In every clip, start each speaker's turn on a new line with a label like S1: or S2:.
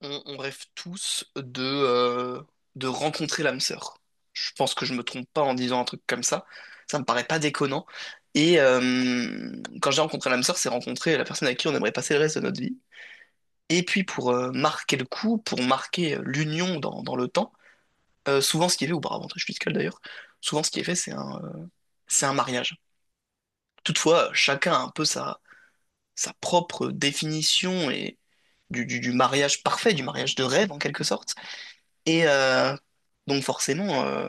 S1: On rêve tous de de rencontrer l'âme sœur. Je pense que je me trompe pas en disant un truc comme ça. Ça me paraît pas déconnant. Et euh, Quand j'ai rencontré l'âme sœur, c'est rencontrer la personne avec qui on aimerait passer le reste de notre vie. Et puis pour marquer le coup, pour marquer l'union dans le temps, souvent ce qui est fait, ou par avantage fiscal d'ailleurs, souvent ce qui est fait, c'est un, c'est un mariage. Toutefois, chacun a un peu sa propre définition et du mariage parfait, du mariage de rêve en quelque sorte. Et euh, donc forcément,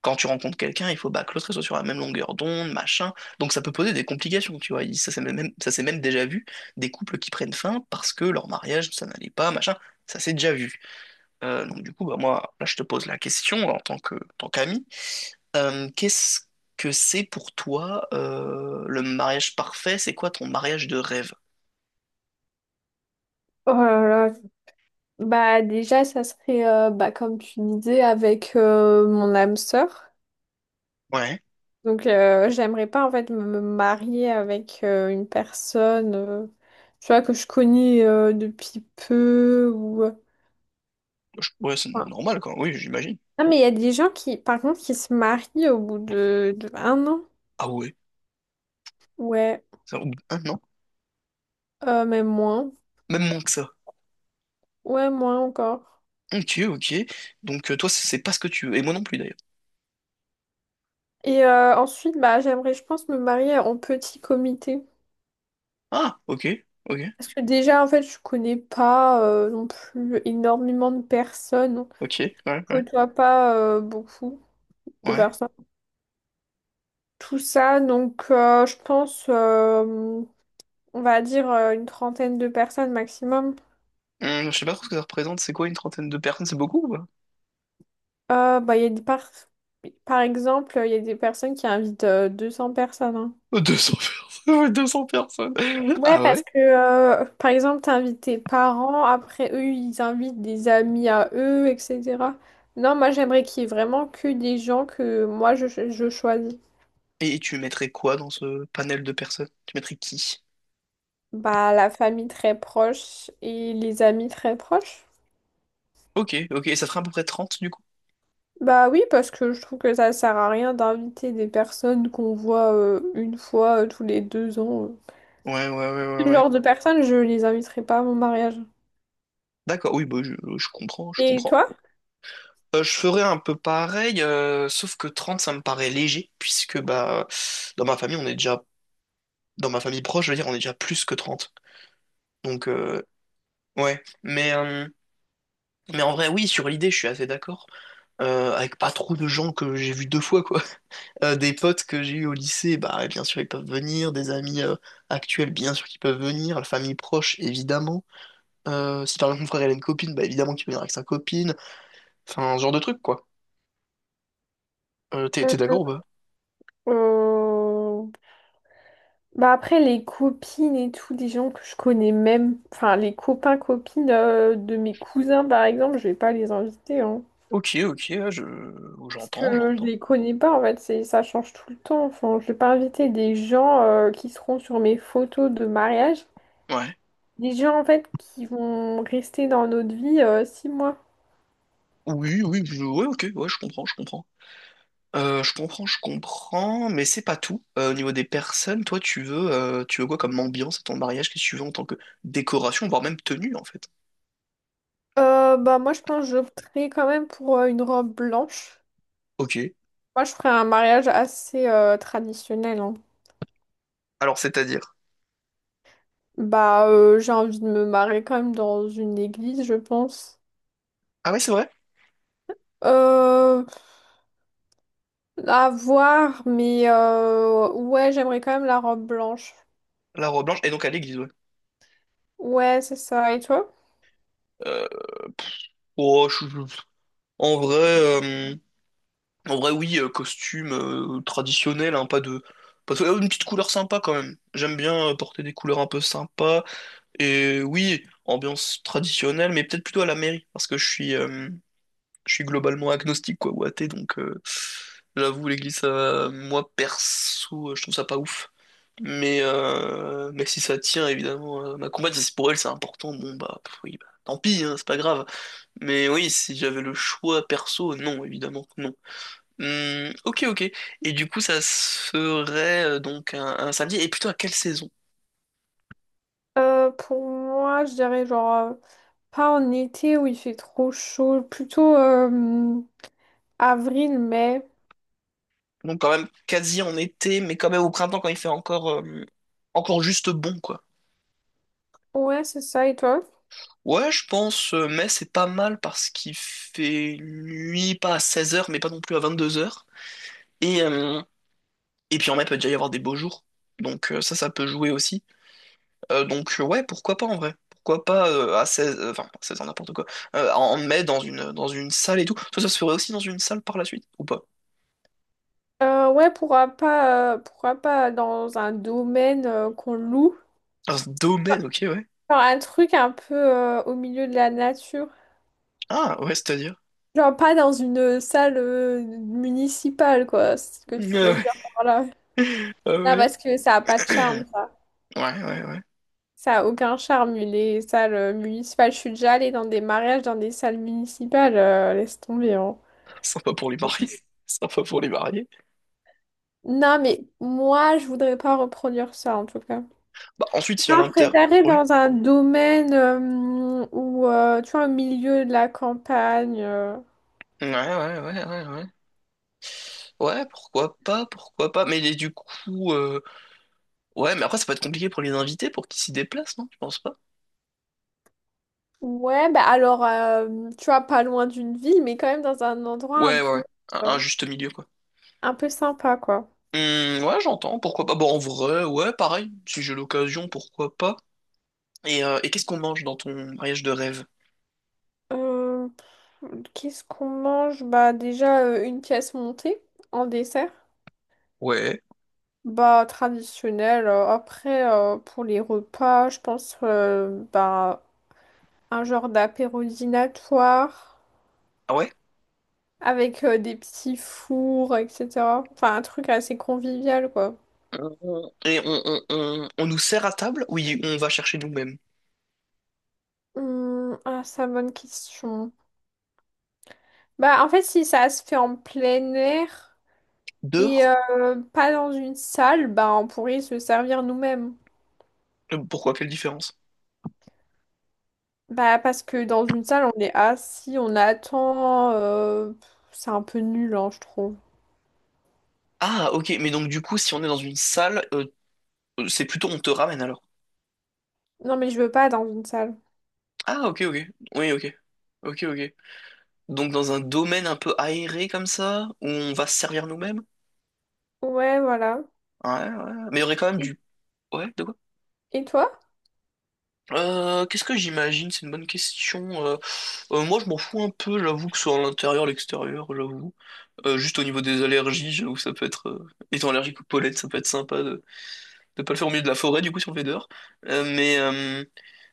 S1: quand tu rencontres quelqu'un, il faut bah, que l'autre soit sur la même longueur d'onde, machin. Donc ça peut poser des complications, tu vois. Ça s'est même déjà vu, des couples qui prennent fin parce que leur mariage, ça n'allait pas, machin. Ça s'est déjà vu. Donc du coup, bah, moi, là, je te pose la question en tant qu'ami. Qu'est-ce que c'est pour toi le mariage parfait? C'est quoi ton mariage de rêve?
S2: Oh là là. Déjà ça serait comme tu disais avec mon âme sœur.
S1: Ouais.
S2: J'aimerais pas en fait me marier avec une personne, tu vois, que je connais depuis peu ou euh,
S1: Ouais, c'est
S2: enfin,
S1: normal, quoi. Oui, j'imagine.
S2: ah mais il y a des gens qui par contre qui se marient au bout de un an.
S1: Ah ouais,
S2: Ouais,
S1: ça, ou- hein, non?
S2: même moins.
S1: Même moins que ça.
S2: Ouais, moins encore.
S1: Ok, ok. Donc toi, c'est pas ce que tu veux. Et moi non plus d'ailleurs.
S2: Ensuite, j'aimerais, je pense, me marier en petit comité.
S1: Ah, ok, ok,
S2: Parce que déjà, en fait, je connais pas non plus énormément de personnes.
S1: ok, ouais,
S2: Je
S1: ouais,
S2: côtoie pas beaucoup de
S1: ouais.
S2: personnes. Tout ça, donc je pense, on va dire une trentaine de personnes maximum.
S1: Je sais pas trop ce que ça représente. C'est quoi une trentaine de personnes? C'est beaucoup ou pas?
S2: Bah, il y a par exemple, il y a des personnes qui invitent 200 personnes, hein.
S1: 200 personnes. 200 personnes.
S2: Ouais,
S1: Ah
S2: parce
S1: ouais?
S2: que par exemple, t'invites tes parents, après eux, ils invitent des amis à eux, etc. Non, moi j'aimerais qu'il y ait vraiment que des gens que moi, je choisis.
S1: Et tu mettrais quoi dans ce panel de personnes? Tu mettrais qui?
S2: Bah, la famille très proche et les amis très proches.
S1: Ok, ok. Et ça ferait à peu près 30 du coup?
S2: Bah oui, parce que je trouve que ça sert à rien d'inviter des personnes qu'on voit une fois tous les deux ans.
S1: Ouais, ouais, ouais, ouais,
S2: Ce
S1: ouais.
S2: genre de personnes, je les inviterai pas à mon mariage.
S1: D'accord, oui, bah, je comprends, je
S2: Et
S1: comprends.
S2: toi?
S1: Je ferais un peu pareil, sauf que 30 ça me paraît léger, puisque bah dans ma famille, on est déjà, dans ma famille proche, je veux dire, on est déjà plus que trente. Donc, euh, ouais. Mais, euh, mais en vrai, oui, sur l'idée, je suis assez d'accord. Avec pas trop de gens que j'ai vus deux fois, quoi. Des potes que j'ai eus au lycée, bah, bien sûr, ils peuvent venir. Des amis actuels, bien sûr, qu'ils peuvent venir. La famille proche, évidemment. Si par exemple mon frère, il a une copine, bah, évidemment qu'il peut venir avec sa copine. Enfin, ce genre de truc, quoi. T'es
S2: Mm.
S1: d'accord ou pas?
S2: Euh, Bah après, les copines et tout, des gens que je connais même, enfin les copains-copines de mes cousins, par exemple, je vais pas les inviter, hein.
S1: Ok, ok, ouais, je...
S2: Parce
S1: j'entends,
S2: que je
S1: j'entends.
S2: les connais pas, en fait, ça change tout le temps. Enfin, je vais pas inviter des gens qui seront sur mes photos de mariage.
S1: Ouais.
S2: Des gens, en fait, qui vont rester dans notre vie 6 mois.
S1: Oui, oui, ouais, ok, ouais, je comprends, je comprends. Je comprends, mais c'est pas tout. Au niveau des personnes, toi, tu veux quoi comme ambiance à ton mariage? Qu'est-ce que tu veux en tant que décoration, voire même tenue, en fait?
S2: Bah, moi, je pense que j'opterais quand même pour une robe blanche.
S1: Ok.
S2: Moi, je ferais un mariage assez traditionnel, hein.
S1: Alors, c'est-à-dire?
S2: Bah, j'ai envie de me marier quand même dans une église, je pense.
S1: Ah ouais, c'est vrai?
S2: Euh, à voir, mais ouais, j'aimerais quand même la robe blanche.
S1: La robe blanche, et donc à l'église, ouais.
S2: Ouais, c'est ça. Et toi?
S1: Euh, oh, je- je- euh, en vrai, oui, costume traditionnel, hein, pas de... pas de- Une petite couleur sympa, quand même. J'aime bien porter des couleurs un peu sympas, et oui, ambiance traditionnelle, mais peut-être plutôt à la mairie, parce que je suis globalement agnostique quoi ou athée donc j'avoue moi perso je trouve ça pas ouf mais si ça tient évidemment ma compagne si c'est pour elle c'est important, bon bah pff, oui bah, tant pis hein, c'est pas grave. Mais oui si j'avais le choix perso non évidemment non. Ok, ok. Et du coup ça serait un samedi et plutôt à quelle saison?
S2: Pour moi, je dirais genre pas en été où il fait trop chaud, plutôt avril, mai.
S1: Donc quand même quasi en été mais quand même au printemps quand il fait encore juste bon quoi.
S2: Ouais, c'est ça, et toi?
S1: Ouais, je pense, mais c'est pas mal parce qu'il fait nuit, pas à 16 heures mais pas non plus à 22 heures. Et, euh, et puis en mai, peut déjà y avoir des beaux jours. Ça, ça peut jouer aussi. Ouais, pourquoi pas en vrai? Pourquoi pas à 16 enfin, à 16 ans, n'importe quoi. En mai, dans une salle et tout. Ça se ferait aussi dans une salle par la suite, ou pas?
S2: Ouais, pourquoi pas dans un domaine qu'on loue?
S1: Dans ce domaine, ok, ouais.
S2: Genre un truc un peu au milieu de la nature.
S1: Ah, ouais, c'est-à-dire.
S2: Genre pas dans une salle municipale, quoi. C'est ce que
S1: Ah
S2: tu veux
S1: ouais.
S2: dire par là.
S1: Ah
S2: Non,
S1: ouais.
S2: parce que ça a pas de charme.
S1: Ouais, ouais, ouais.
S2: Ça a aucun charme, les salles municipales. Je suis déjà allée dans des mariages, dans des salles municipales, laisse tomber, hein.
S1: Sympa pour les mariés. Sympa pour les mariés.
S2: Non, mais moi, je voudrais pas reproduire ça, en tout cas.
S1: Bah ensuite, il y a
S2: Non, je
S1: l'inter...
S2: préférerais
S1: ouais.
S2: dans un domaine où, tu vois, au milieu de la campagne.
S1: Ouais, ouais, ouais, ouais, ouais. Ouais, pourquoi pas, pourquoi pas. Mais ouais, mais après, ça peut être compliqué pour les invités, pour qu'ils s'y déplacent, non? Tu penses pas?
S2: Ouais, bah alors, tu vois, pas loin d'une ville, mais quand même dans un endroit
S1: Ouais, ouais, ouais. Un
S2: euh,
S1: juste milieu, quoi.
S2: un peu sympa, quoi.
S1: Ouais, j'entends, pourquoi pas. Bon, en vrai, ouais, pareil, si j'ai l'occasion, pourquoi pas. Et qu'est-ce qu'on mange dans ton mariage de rêve?
S2: Euh, Qu'est-ce qu'on mange? Bah déjà, une pièce montée en dessert.
S1: Ouais.
S2: Bah, traditionnel. Après, pour les repas, je pense, un genre d'apéro dînatoire
S1: Ah ouais?
S2: avec des petits fours, etc. Enfin, un truc assez convivial, quoi.
S1: On nous sert à table? Oui, on va chercher nous-mêmes.
S2: Ah, ça, bonne question. Bah, en fait, si ça se fait en plein air et
S1: Dehors?
S2: euh, pas dans une salle, bah, on pourrait se servir nous-mêmes.
S1: Pourquoi? Quelle différence?
S2: Bah, parce que dans une salle, on est assis, on attend, c'est un peu nul, hein, je trouve.
S1: Ah, ok, mais donc du coup, si on est dans une salle, c'est plutôt on te ramène alors.
S2: Non, mais je veux pas dans une salle.
S1: Ah, ok, ok. Oui, ok. Ok, ok. Donc dans un domaine un peu aéré comme ça, où on va se servir nous-mêmes?
S2: Ouais, voilà.
S1: Ouais, ouais, ouais. Mais il y aurait quand même
S2: Et-
S1: du... Ouais, de quoi?
S2: Et toi?
S1: Qu'est-ce que j'imagine? C'est une bonne question. Moi, je m'en fous un peu, j'avoue, que ce soit à l'intérieur, l'extérieur, j'avoue. Juste au niveau des allergies, j'avoue, étant allergique aux pollen, ça peut être sympa de ne pas le faire au milieu de la forêt, du coup, si on le fait dehors. Euh, mais... euh,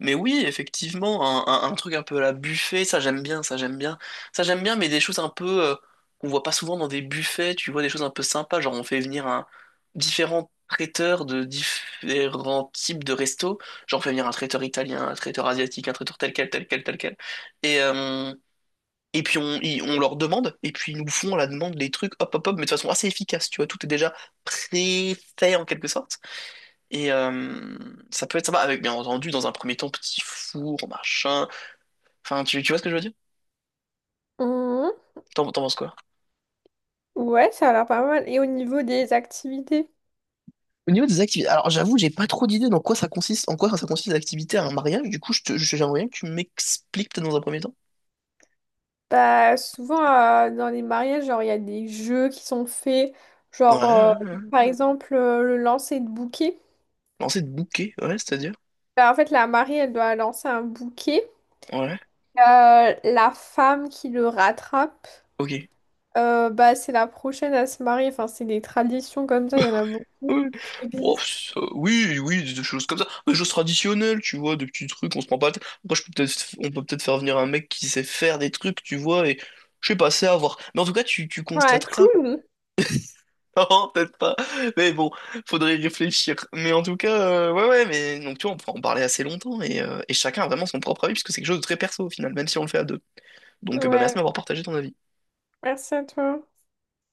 S1: Mais oui, effectivement, un truc un peu à la buffet, ça j'aime bien, ça j'aime bien. Ça j'aime bien, mais des choses un peu qu'on voit pas souvent dans des buffets, tu vois, des choses un peu sympas, genre on fait venir un différents traiteurs de différents types de restos, genre on fait venir un traiteur italien, un traiteur asiatique, un traiteur tel quel, tel quel, tel quel. Et, euh, et puis on leur demande, et puis ils nous font à la demande les trucs, hop, hop, hop, mais de façon assez efficace, tu vois, tout est déjà pré-fait en quelque sorte. Et euh, Ça peut être sympa avec, bien entendu, dans un premier temps, petit four, machin. Enfin, tu vois ce que je veux dire?
S2: Mhm.
S1: T'en penses quoi?
S2: Ouais, ça a l'air pas mal. Et au niveau des activités?
S1: Au niveau des activités, alors j'avoue, j'ai pas trop d'idées dans quoi ça consiste, en quoi ça consiste l'activité à un mariage. Du coup, j'aimerais bien que tu m'expliques peut-être dans un premier temps.
S2: Bah, souvent, dans les mariages, genre, il y a des jeux qui sont faits.
S1: Ouais,
S2: Genre,
S1: ouais, ouais.
S2: par exemple, le lancer de bouquet.
S1: Lancer de bouquet, ouais, c'est-à-dire?
S2: Bah, en fait, la mariée, elle doit lancer un bouquet.
S1: Ouais,
S2: La femme qui le rattrape,
S1: ok.
S2: bah, c'est la prochaine à se marier. Enfin, c'est des traditions comme ça, il y en a beaucoup
S1: Ouais.
S2: qui
S1: Bon,
S2: existent.
S1: ça- oui, oui, des choses comme ça. Des choses traditionnelles, tu vois, des petits trucs, on se prend pas la tête. Après, on peut peut-être faire venir un mec qui sait faire des trucs, tu vois, et je sais pas, c'est à voir. Mais en tout cas, tu
S2: Ouais,
S1: constateras
S2: clown!
S1: non, peut-être pas. Mais bon, faudrait y réfléchir. Mais en tout cas, ouais, mais donc tu vois, on pourra en parler assez longtemps et chacun a vraiment son propre avis puisque c'est quelque chose de très perso au final, même si on le fait à deux. Donc, bah, merci
S2: Ouais,
S1: de m'avoir partagé ton avis.
S2: merci à toi.